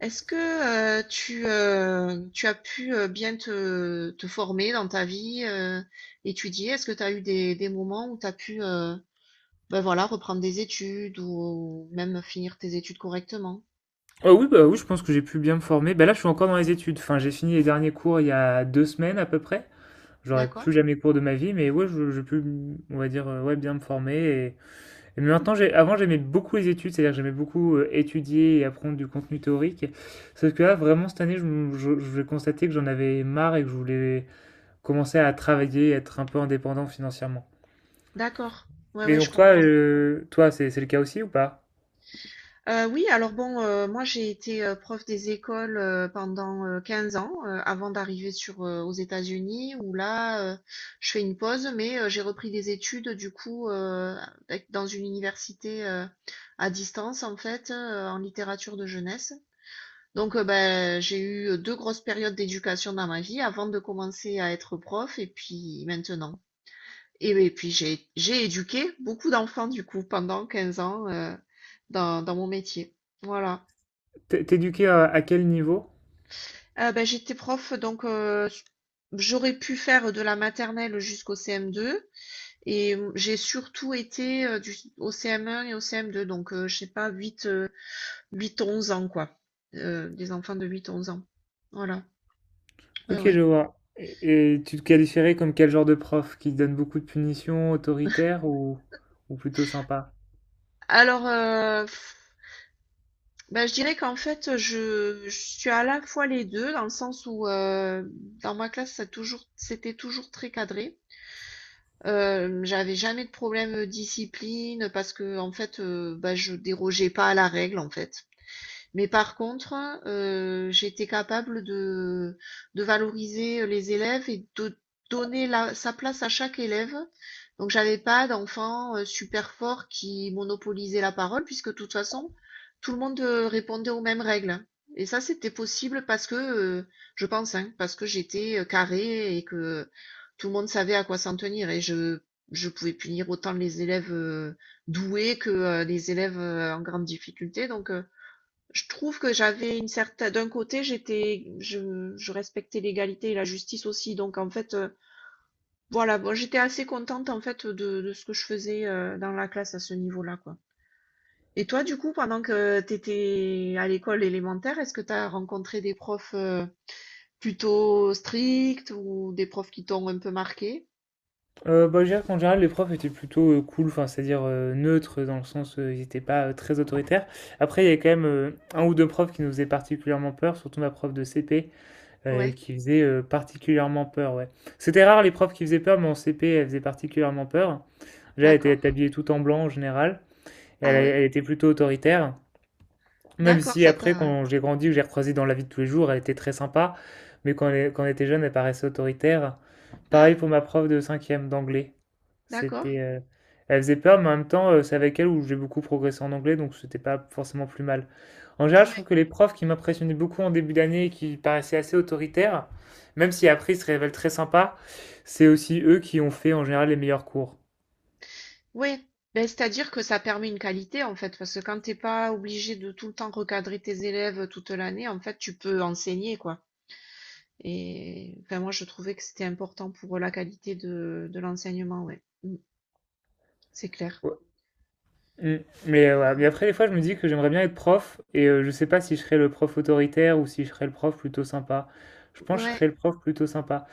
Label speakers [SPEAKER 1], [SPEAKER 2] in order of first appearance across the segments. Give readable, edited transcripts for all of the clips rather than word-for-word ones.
[SPEAKER 1] Est-ce que, tu as pu, bien te former dans ta vie, étudier? Est-ce que tu as eu des moments où tu as pu, bah, voilà, reprendre des études ou même finir tes études correctement?
[SPEAKER 2] Oui, bah oui, je pense que j'ai pu bien me former. Bah là, je suis encore dans les études. Enfin, j'ai fini les derniers cours il y a deux semaines à peu près. J'aurai
[SPEAKER 1] D'accord,
[SPEAKER 2] plus jamais cours de ma vie, mais ouais, j'ai pu, on va dire, ouais, bien me former. Mais maintenant, avant, j'aimais beaucoup les études, c'est-à-dire que j'aimais beaucoup étudier et apprendre du contenu théorique. Sauf que là, vraiment, cette année, je vais constater que j'en avais marre et que je voulais commencer à travailler, être un peu indépendant financièrement.
[SPEAKER 1] d'accord. Ouais,
[SPEAKER 2] Et
[SPEAKER 1] ouais, je
[SPEAKER 2] donc, toi,
[SPEAKER 1] comprends.
[SPEAKER 2] toi, c'est le cas aussi ou pas?
[SPEAKER 1] Oui, alors bon, moi j'ai été, prof des écoles, pendant, 15 ans, avant d'arriver sur, aux États-Unis où là, je fais une pause, mais, j'ai repris des études du coup, avec dans une université, à distance en fait, en littérature de jeunesse. Donc, bah, j'ai eu, 2 grosses périodes d'éducation dans ma vie avant de commencer à être prof et puis maintenant. Et puis j'ai éduqué beaucoup d'enfants du coup pendant 15 ans, dans mon métier. Voilà.
[SPEAKER 2] T'es éduqué à quel niveau?
[SPEAKER 1] Bah, j'étais prof donc j'aurais pu faire de la maternelle jusqu'au CM2 et j'ai surtout été, du s au CM1 et au CM2 donc je sais pas 8-11 ans quoi, des enfants de 8-11 ans. Voilà, ouais,
[SPEAKER 2] Ok,
[SPEAKER 1] ouais.
[SPEAKER 2] je vois. Et tu te qualifierais comme quel genre de prof? Qui donne beaucoup de punitions, autoritaire ou plutôt sympa?
[SPEAKER 1] Alors, bah, je dirais qu'en fait, je suis à la fois les 2, dans le sens où, dans ma classe ça toujours c'était toujours très cadré. J'avais jamais de problème, discipline parce que en fait, bah, je dérogeais pas à la règle, en fait. Mais par contre, j'étais capable de valoriser les élèves et de donner sa place à chaque élève. Donc j'avais pas d'enfant super fort qui monopolisait la parole, puisque de toute façon, tout le monde répondait aux mêmes règles. Et ça, c'était possible parce que, je pense, hein, parce que j'étais carré et que tout le monde savait à quoi s'en tenir. Et je pouvais punir autant les élèves doués que les élèves en grande difficulté. Donc, je trouve que j'avais une certaine, d'un côté, je respectais l'égalité et la justice aussi. Donc, en fait, voilà, bon, j'étais assez contente, en fait, de ce que je faisais dans la classe à ce niveau-là, quoi. Et toi, du coup, pendant que tu étais à l'école élémentaire, est-ce que tu as rencontré des profs plutôt stricts ou des profs qui t'ont un peu marqué?
[SPEAKER 2] Bah, je dirais qu'en général, les profs étaient plutôt cool, enfin, c'est-à-dire neutres, dans le sens ils n'étaient pas très autoritaires. Après, il y avait quand même un ou deux profs qui nous faisaient particulièrement peur, surtout ma prof de CP,
[SPEAKER 1] Ouais,
[SPEAKER 2] qui faisait particulièrement peur, ouais. C'était rare les profs qui faisaient peur, mais en CP, elle faisait particulièrement peur. Déjà, elle était
[SPEAKER 1] d'accord.
[SPEAKER 2] habillée tout en blanc en général, et elle,
[SPEAKER 1] Ah ouais,
[SPEAKER 2] elle était plutôt autoritaire. Même
[SPEAKER 1] d'accord,
[SPEAKER 2] si
[SPEAKER 1] ça
[SPEAKER 2] après,
[SPEAKER 1] t'a.
[SPEAKER 2] quand j'ai grandi, que j'ai recroisé dans la vie de tous les jours, elle était très sympa. Mais quand, quand on était jeune, elle paraissait autoritaire. Pareil pour ma prof de cinquième d'anglais.
[SPEAKER 1] D'accord.
[SPEAKER 2] C'était, elle faisait peur, mais en même temps, c'est avec elle où j'ai beaucoup progressé en anglais, donc c'était pas forcément plus mal. En général, je trouve
[SPEAKER 1] Ouais.
[SPEAKER 2] que les profs qui m'impressionnaient beaucoup en début d'année et qui paraissaient assez autoritaires, même si après ils se révèlent très sympas, c'est aussi eux qui ont fait en général les meilleurs cours.
[SPEAKER 1] Ouais, ben c'est-à-dire que ça permet une qualité en fait, parce que quand t'es pas obligé de tout le temps recadrer tes élèves toute l'année, en fait, tu peux enseigner quoi. Et enfin, moi, je trouvais que c'était important pour la qualité de l'enseignement, ouais. Mm. C'est clair.
[SPEAKER 2] Mm. Mais,
[SPEAKER 1] Ouais,
[SPEAKER 2] voilà. Mais
[SPEAKER 1] ouais.
[SPEAKER 2] après, des fois, je me dis que j'aimerais bien être prof et je sais pas si je serais le prof autoritaire ou si je serais le prof plutôt sympa. Je pense que je
[SPEAKER 1] Ouais,
[SPEAKER 2] serais le prof plutôt sympa.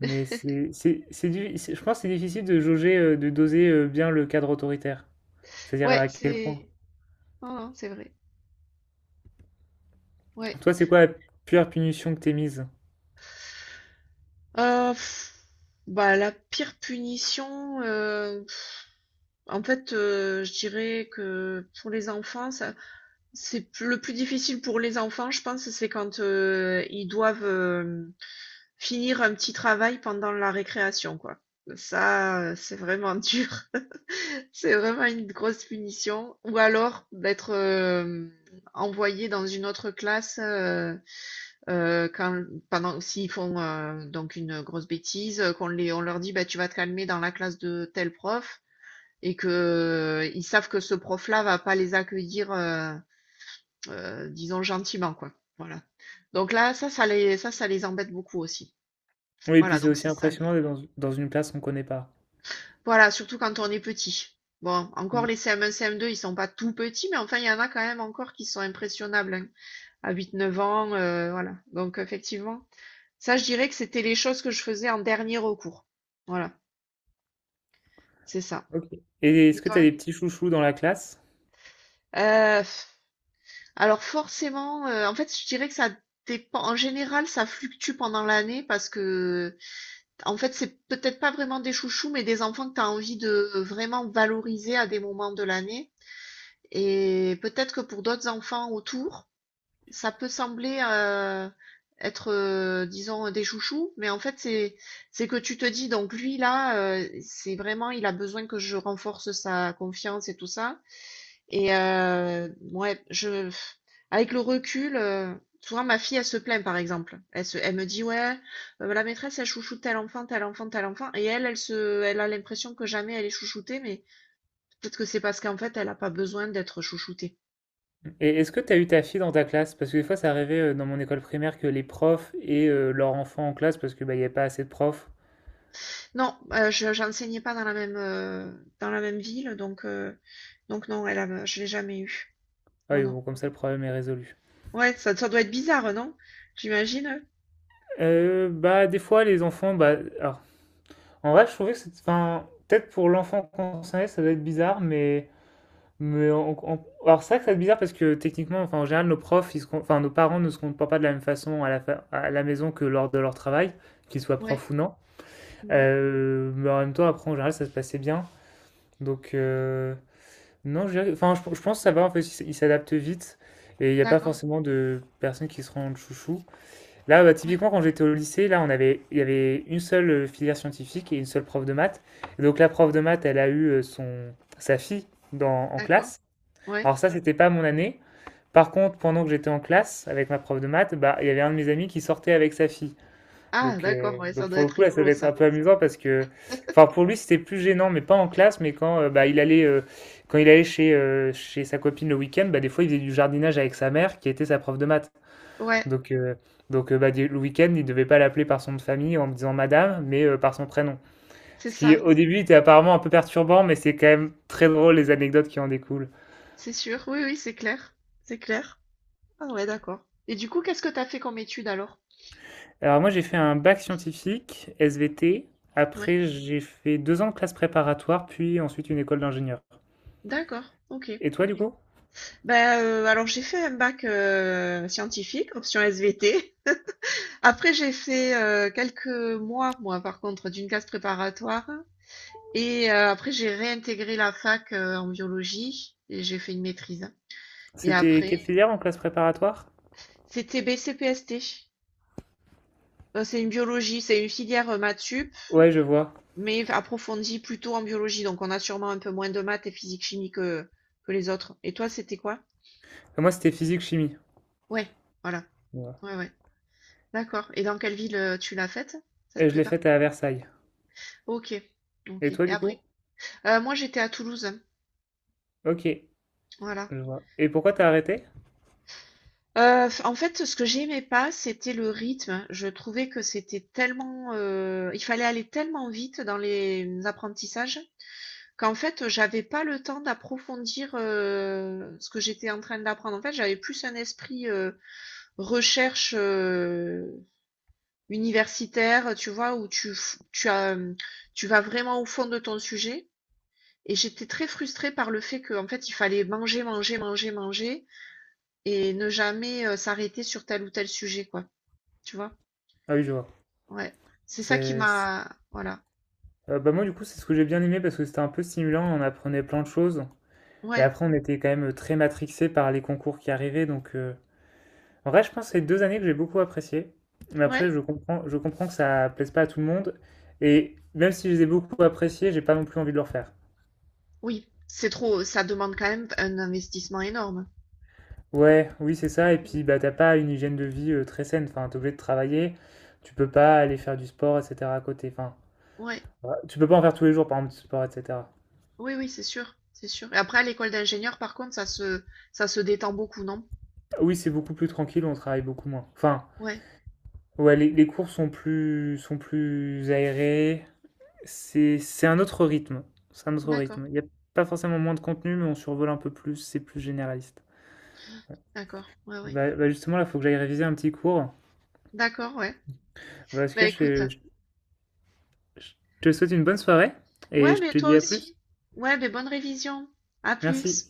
[SPEAKER 2] Mais je pense que c'est difficile de jauger, de doser bien le cadre autoritaire. C'est-à-dire
[SPEAKER 1] ouais,
[SPEAKER 2] à quel point.
[SPEAKER 1] c'est. Non, non, c'est vrai. Ouais.
[SPEAKER 2] Toi, c'est quoi la pure punition que t'es mise?
[SPEAKER 1] Pff, bah, la pire punition, pff, en fait, je dirais que pour les enfants, ça, c'est plus le plus difficile pour les enfants, je pense, c'est quand, ils doivent, finir un petit travail pendant la récréation, quoi. Ça, c'est vraiment dur. C'est vraiment une grosse punition ou alors d'être, envoyé dans une autre classe, quand pendant s'ils font, donc une grosse bêtise, qu'on les on leur dit: «Bah, tu vas te calmer dans la classe de tel prof» et qu'ils savent que ce prof-là va pas les accueillir, disons gentiment, quoi. Voilà. Donc là, ça les embête beaucoup aussi.
[SPEAKER 2] Oui, et
[SPEAKER 1] Voilà,
[SPEAKER 2] puis c'est
[SPEAKER 1] donc
[SPEAKER 2] aussi
[SPEAKER 1] c'est ça
[SPEAKER 2] impressionnant
[SPEAKER 1] les.
[SPEAKER 2] d'être dans une classe qu'on connaît pas.
[SPEAKER 1] Voilà, surtout quand on est petit. Bon, encore
[SPEAKER 2] Mm.
[SPEAKER 1] les CM1, CM2, ils sont pas tout petits, mais enfin, il y en a quand même encore qui sont impressionnables hein, à 8-9 ans, voilà. Donc effectivement, ça, je dirais que c'était les choses que je faisais en dernier recours. Voilà, c'est ça.
[SPEAKER 2] Ok. Et est-ce
[SPEAKER 1] Et
[SPEAKER 2] que
[SPEAKER 1] toi?
[SPEAKER 2] t'as des petits chouchous dans la classe?
[SPEAKER 1] Euh, alors forcément, en fait, je dirais que ça dépend. En général, ça fluctue pendant l'année parce que en fait, c'est peut-être pas vraiment des chouchous, mais des enfants que tu as envie de vraiment valoriser à des moments de l'année. Et peut-être que pour d'autres enfants autour, ça peut sembler être, disons, des chouchous, mais en fait, c'est que tu te dis, donc lui, là, c'est vraiment, il a besoin que je renforce sa confiance et tout ça. Et ouais, avec le recul, souvent ma fille, elle se plaint par exemple. Elle me dit ouais, la maîtresse, elle chouchoute tel enfant, tel enfant, tel enfant, elle a l'impression que jamais elle est chouchoutée, mais peut-être que c'est parce qu'en fait, elle n'a pas besoin d'être chouchoutée.
[SPEAKER 2] Et est-ce que tu as eu ta fille dans ta classe? Parce que des fois, ça arrivait dans mon école primaire que les profs et leurs enfants en classe, parce que bah, il n'y a pas assez de profs.
[SPEAKER 1] Non, j'enseignais pas dans la même, dans la même ville, donc, non, je l'ai jamais eu.
[SPEAKER 2] Ah
[SPEAKER 1] Non,
[SPEAKER 2] oui,
[SPEAKER 1] non.
[SPEAKER 2] bon, comme ça, le problème est résolu.
[SPEAKER 1] Ouais, ça doit être bizarre, non? J'imagine.
[SPEAKER 2] Bah, des fois, les enfants, bah, alors, en vrai, je trouvais que c'est, enfin, peut-être pour l'enfant concerné, ça doit être bizarre, mais alors c'est vrai que ça doit être bizarre parce que techniquement, enfin, en général, nos profs, enfin, nos parents ne se comportent pas de la même façon à à la maison que lors de leur travail, qu'ils soient
[SPEAKER 1] Ouais.
[SPEAKER 2] profs ou non.
[SPEAKER 1] Mhm.
[SPEAKER 2] Mais en même temps, après, en général, ça se passait bien. Donc, Non, je, dirais- enfin, je pense que ça va, en fait, ils s'adaptent vite et il n'y a pas
[SPEAKER 1] D'accord.
[SPEAKER 2] forcément de personnes qui se rendent chouchou. Là, bah,
[SPEAKER 1] Ouais.
[SPEAKER 2] typiquement, quand j'étais au lycée, là, il y avait une seule filière scientifique et une seule prof de maths. Et donc, la prof de maths, elle a eu sa fille en
[SPEAKER 1] D'accord.
[SPEAKER 2] classe.
[SPEAKER 1] Ouais.
[SPEAKER 2] Alors, ça, c'était pas mon année. Par contre, pendant que j'étais en classe avec ma prof de maths, bah, il y avait un de mes amis qui sortait avec sa fille.
[SPEAKER 1] Ah d'accord, ouais, ça
[SPEAKER 2] Donc
[SPEAKER 1] doit
[SPEAKER 2] pour
[SPEAKER 1] être
[SPEAKER 2] le coup, là, ça
[SPEAKER 1] rigolo
[SPEAKER 2] va être un
[SPEAKER 1] ça.
[SPEAKER 2] peu amusant parce que, enfin, pour lui, c'était plus gênant, mais pas en classe, mais quand quand il allait chez, chez sa copine le week-end, bah, des fois, il faisait du jardinage avec sa mère, qui était sa prof de maths.
[SPEAKER 1] Ouais,
[SPEAKER 2] Donc, euh, donc bah, le week-end, il devait pas l'appeler par son nom de famille en disant madame, mais par son prénom.
[SPEAKER 1] c'est
[SPEAKER 2] Ce qui,
[SPEAKER 1] ça,
[SPEAKER 2] au début, était apparemment un peu perturbant, mais c'est quand même très drôle les anecdotes qui en découlent.
[SPEAKER 1] c'est sûr. Oui, oui, c'est clair. C'est clair. Ah ouais, d'accord. Et du coup, qu'est-ce que t'as fait comme étude alors?
[SPEAKER 2] Alors, moi, j'ai fait un bac scientifique, SVT.
[SPEAKER 1] Ouais,
[SPEAKER 2] Après, j'ai fait deux ans de classe préparatoire, puis ensuite une école d'ingénieur.
[SPEAKER 1] d'accord, ok.
[SPEAKER 2] Et toi, du coup?
[SPEAKER 1] Ben alors j'ai fait un bac scientifique, option SVT. Après j'ai fait quelques mois, moi par contre, d'une classe préparatoire. Après j'ai réintégré la fac en biologie et j'ai fait une maîtrise. Et
[SPEAKER 2] C'était
[SPEAKER 1] après,
[SPEAKER 2] quelle filière en classe préparatoire?
[SPEAKER 1] c'était BCPST. C'est une biologie, c'est une filière maths
[SPEAKER 2] Ouais, je vois.
[SPEAKER 1] mais approfondi plutôt en biologie. Donc, on a sûrement un peu moins de maths et physique-chimie que les autres. Et toi, c'était quoi?
[SPEAKER 2] Moi, c'était physique-chimie.
[SPEAKER 1] Ouais, voilà.
[SPEAKER 2] Ouais.
[SPEAKER 1] Ouais, ouais. D'accord. Et dans quelle ville tu l'as faite, cette
[SPEAKER 2] Et je l'ai
[SPEAKER 1] prépa?
[SPEAKER 2] faite à Versailles.
[SPEAKER 1] Ok,
[SPEAKER 2] Et
[SPEAKER 1] ok. Et
[SPEAKER 2] toi, du coup?
[SPEAKER 1] après, moi, j'étais à Toulouse. Hein.
[SPEAKER 2] Ok,
[SPEAKER 1] Voilà.
[SPEAKER 2] je vois. Et pourquoi t'as arrêté?
[SPEAKER 1] En fait, ce que j'aimais pas, c'était le rythme. Je trouvais que c'était il fallait aller tellement vite dans les apprentissages qu'en fait, j'avais pas le temps d'approfondir ce que j'étais en train d'apprendre. En fait, j'avais plus un esprit recherche universitaire, tu vois, où tu, f- tu as, tu vas vraiment au fond de ton sujet. Et j'étais très frustrée par le fait qu'en fait, il fallait manger, manger, manger, manger et ne jamais s'arrêter sur tel ou tel sujet, quoi. Tu vois?
[SPEAKER 2] Ah oui, je vois.
[SPEAKER 1] Ouais. C'est ça qui
[SPEAKER 2] C'est...
[SPEAKER 1] m'a, voilà.
[SPEAKER 2] Bah moi, du coup, c'est ce que j'ai bien aimé parce que c'était un peu stimulant. On apprenait plein de choses. Et
[SPEAKER 1] Ouais.
[SPEAKER 2] après, on était quand même très matrixé par les concours qui arrivaient. Donc, en vrai, je pense que c'est deux années que j'ai beaucoup appréciées. Mais après,
[SPEAKER 1] Ouais.
[SPEAKER 2] je comprends que ça plaise pas à tout le monde. Et même si je les ai beaucoup appréciées, j'ai pas non plus envie de le refaire.
[SPEAKER 1] Oui. C'est trop, ça demande quand même un investissement énorme.
[SPEAKER 2] Ouais, oui, c'est ça. Et
[SPEAKER 1] Mm.
[SPEAKER 2] puis, bah, t'as pas une hygiène de vie très saine. Enfin, t'es obligé de travailler. Tu peux pas aller faire du sport, etc. à côté. Enfin,
[SPEAKER 1] Ouais.
[SPEAKER 2] ouais, tu peux pas en faire tous les jours, par exemple, du sport, etc.
[SPEAKER 1] Oui, oui, c'est sûr. C'est sûr. Et après, à l'école d'ingénieur, par contre, ça se détend beaucoup, non?
[SPEAKER 2] Oui, c'est beaucoup plus tranquille. On travaille beaucoup moins. Enfin,
[SPEAKER 1] Ouais.
[SPEAKER 2] ouais, les cours sont plus aérés. C'est un autre rythme, c'est un autre
[SPEAKER 1] D'accord.
[SPEAKER 2] rythme. Il y a pas forcément moins de contenu, mais on survole un peu plus, c'est plus généraliste.
[SPEAKER 1] D'accord, ouais, ouais.
[SPEAKER 2] Justement, là, il faut que j'aille réviser un petit cours.
[SPEAKER 1] D'accord, ouais.
[SPEAKER 2] Bah, en tout
[SPEAKER 1] Bah
[SPEAKER 2] cas,
[SPEAKER 1] écoute,
[SPEAKER 2] je te souhaite une bonne soirée et
[SPEAKER 1] ouais,
[SPEAKER 2] je
[SPEAKER 1] mais
[SPEAKER 2] te
[SPEAKER 1] toi
[SPEAKER 2] dis à plus.
[SPEAKER 1] aussi. Ouais, mais bonne révision. À
[SPEAKER 2] Merci.
[SPEAKER 1] plus.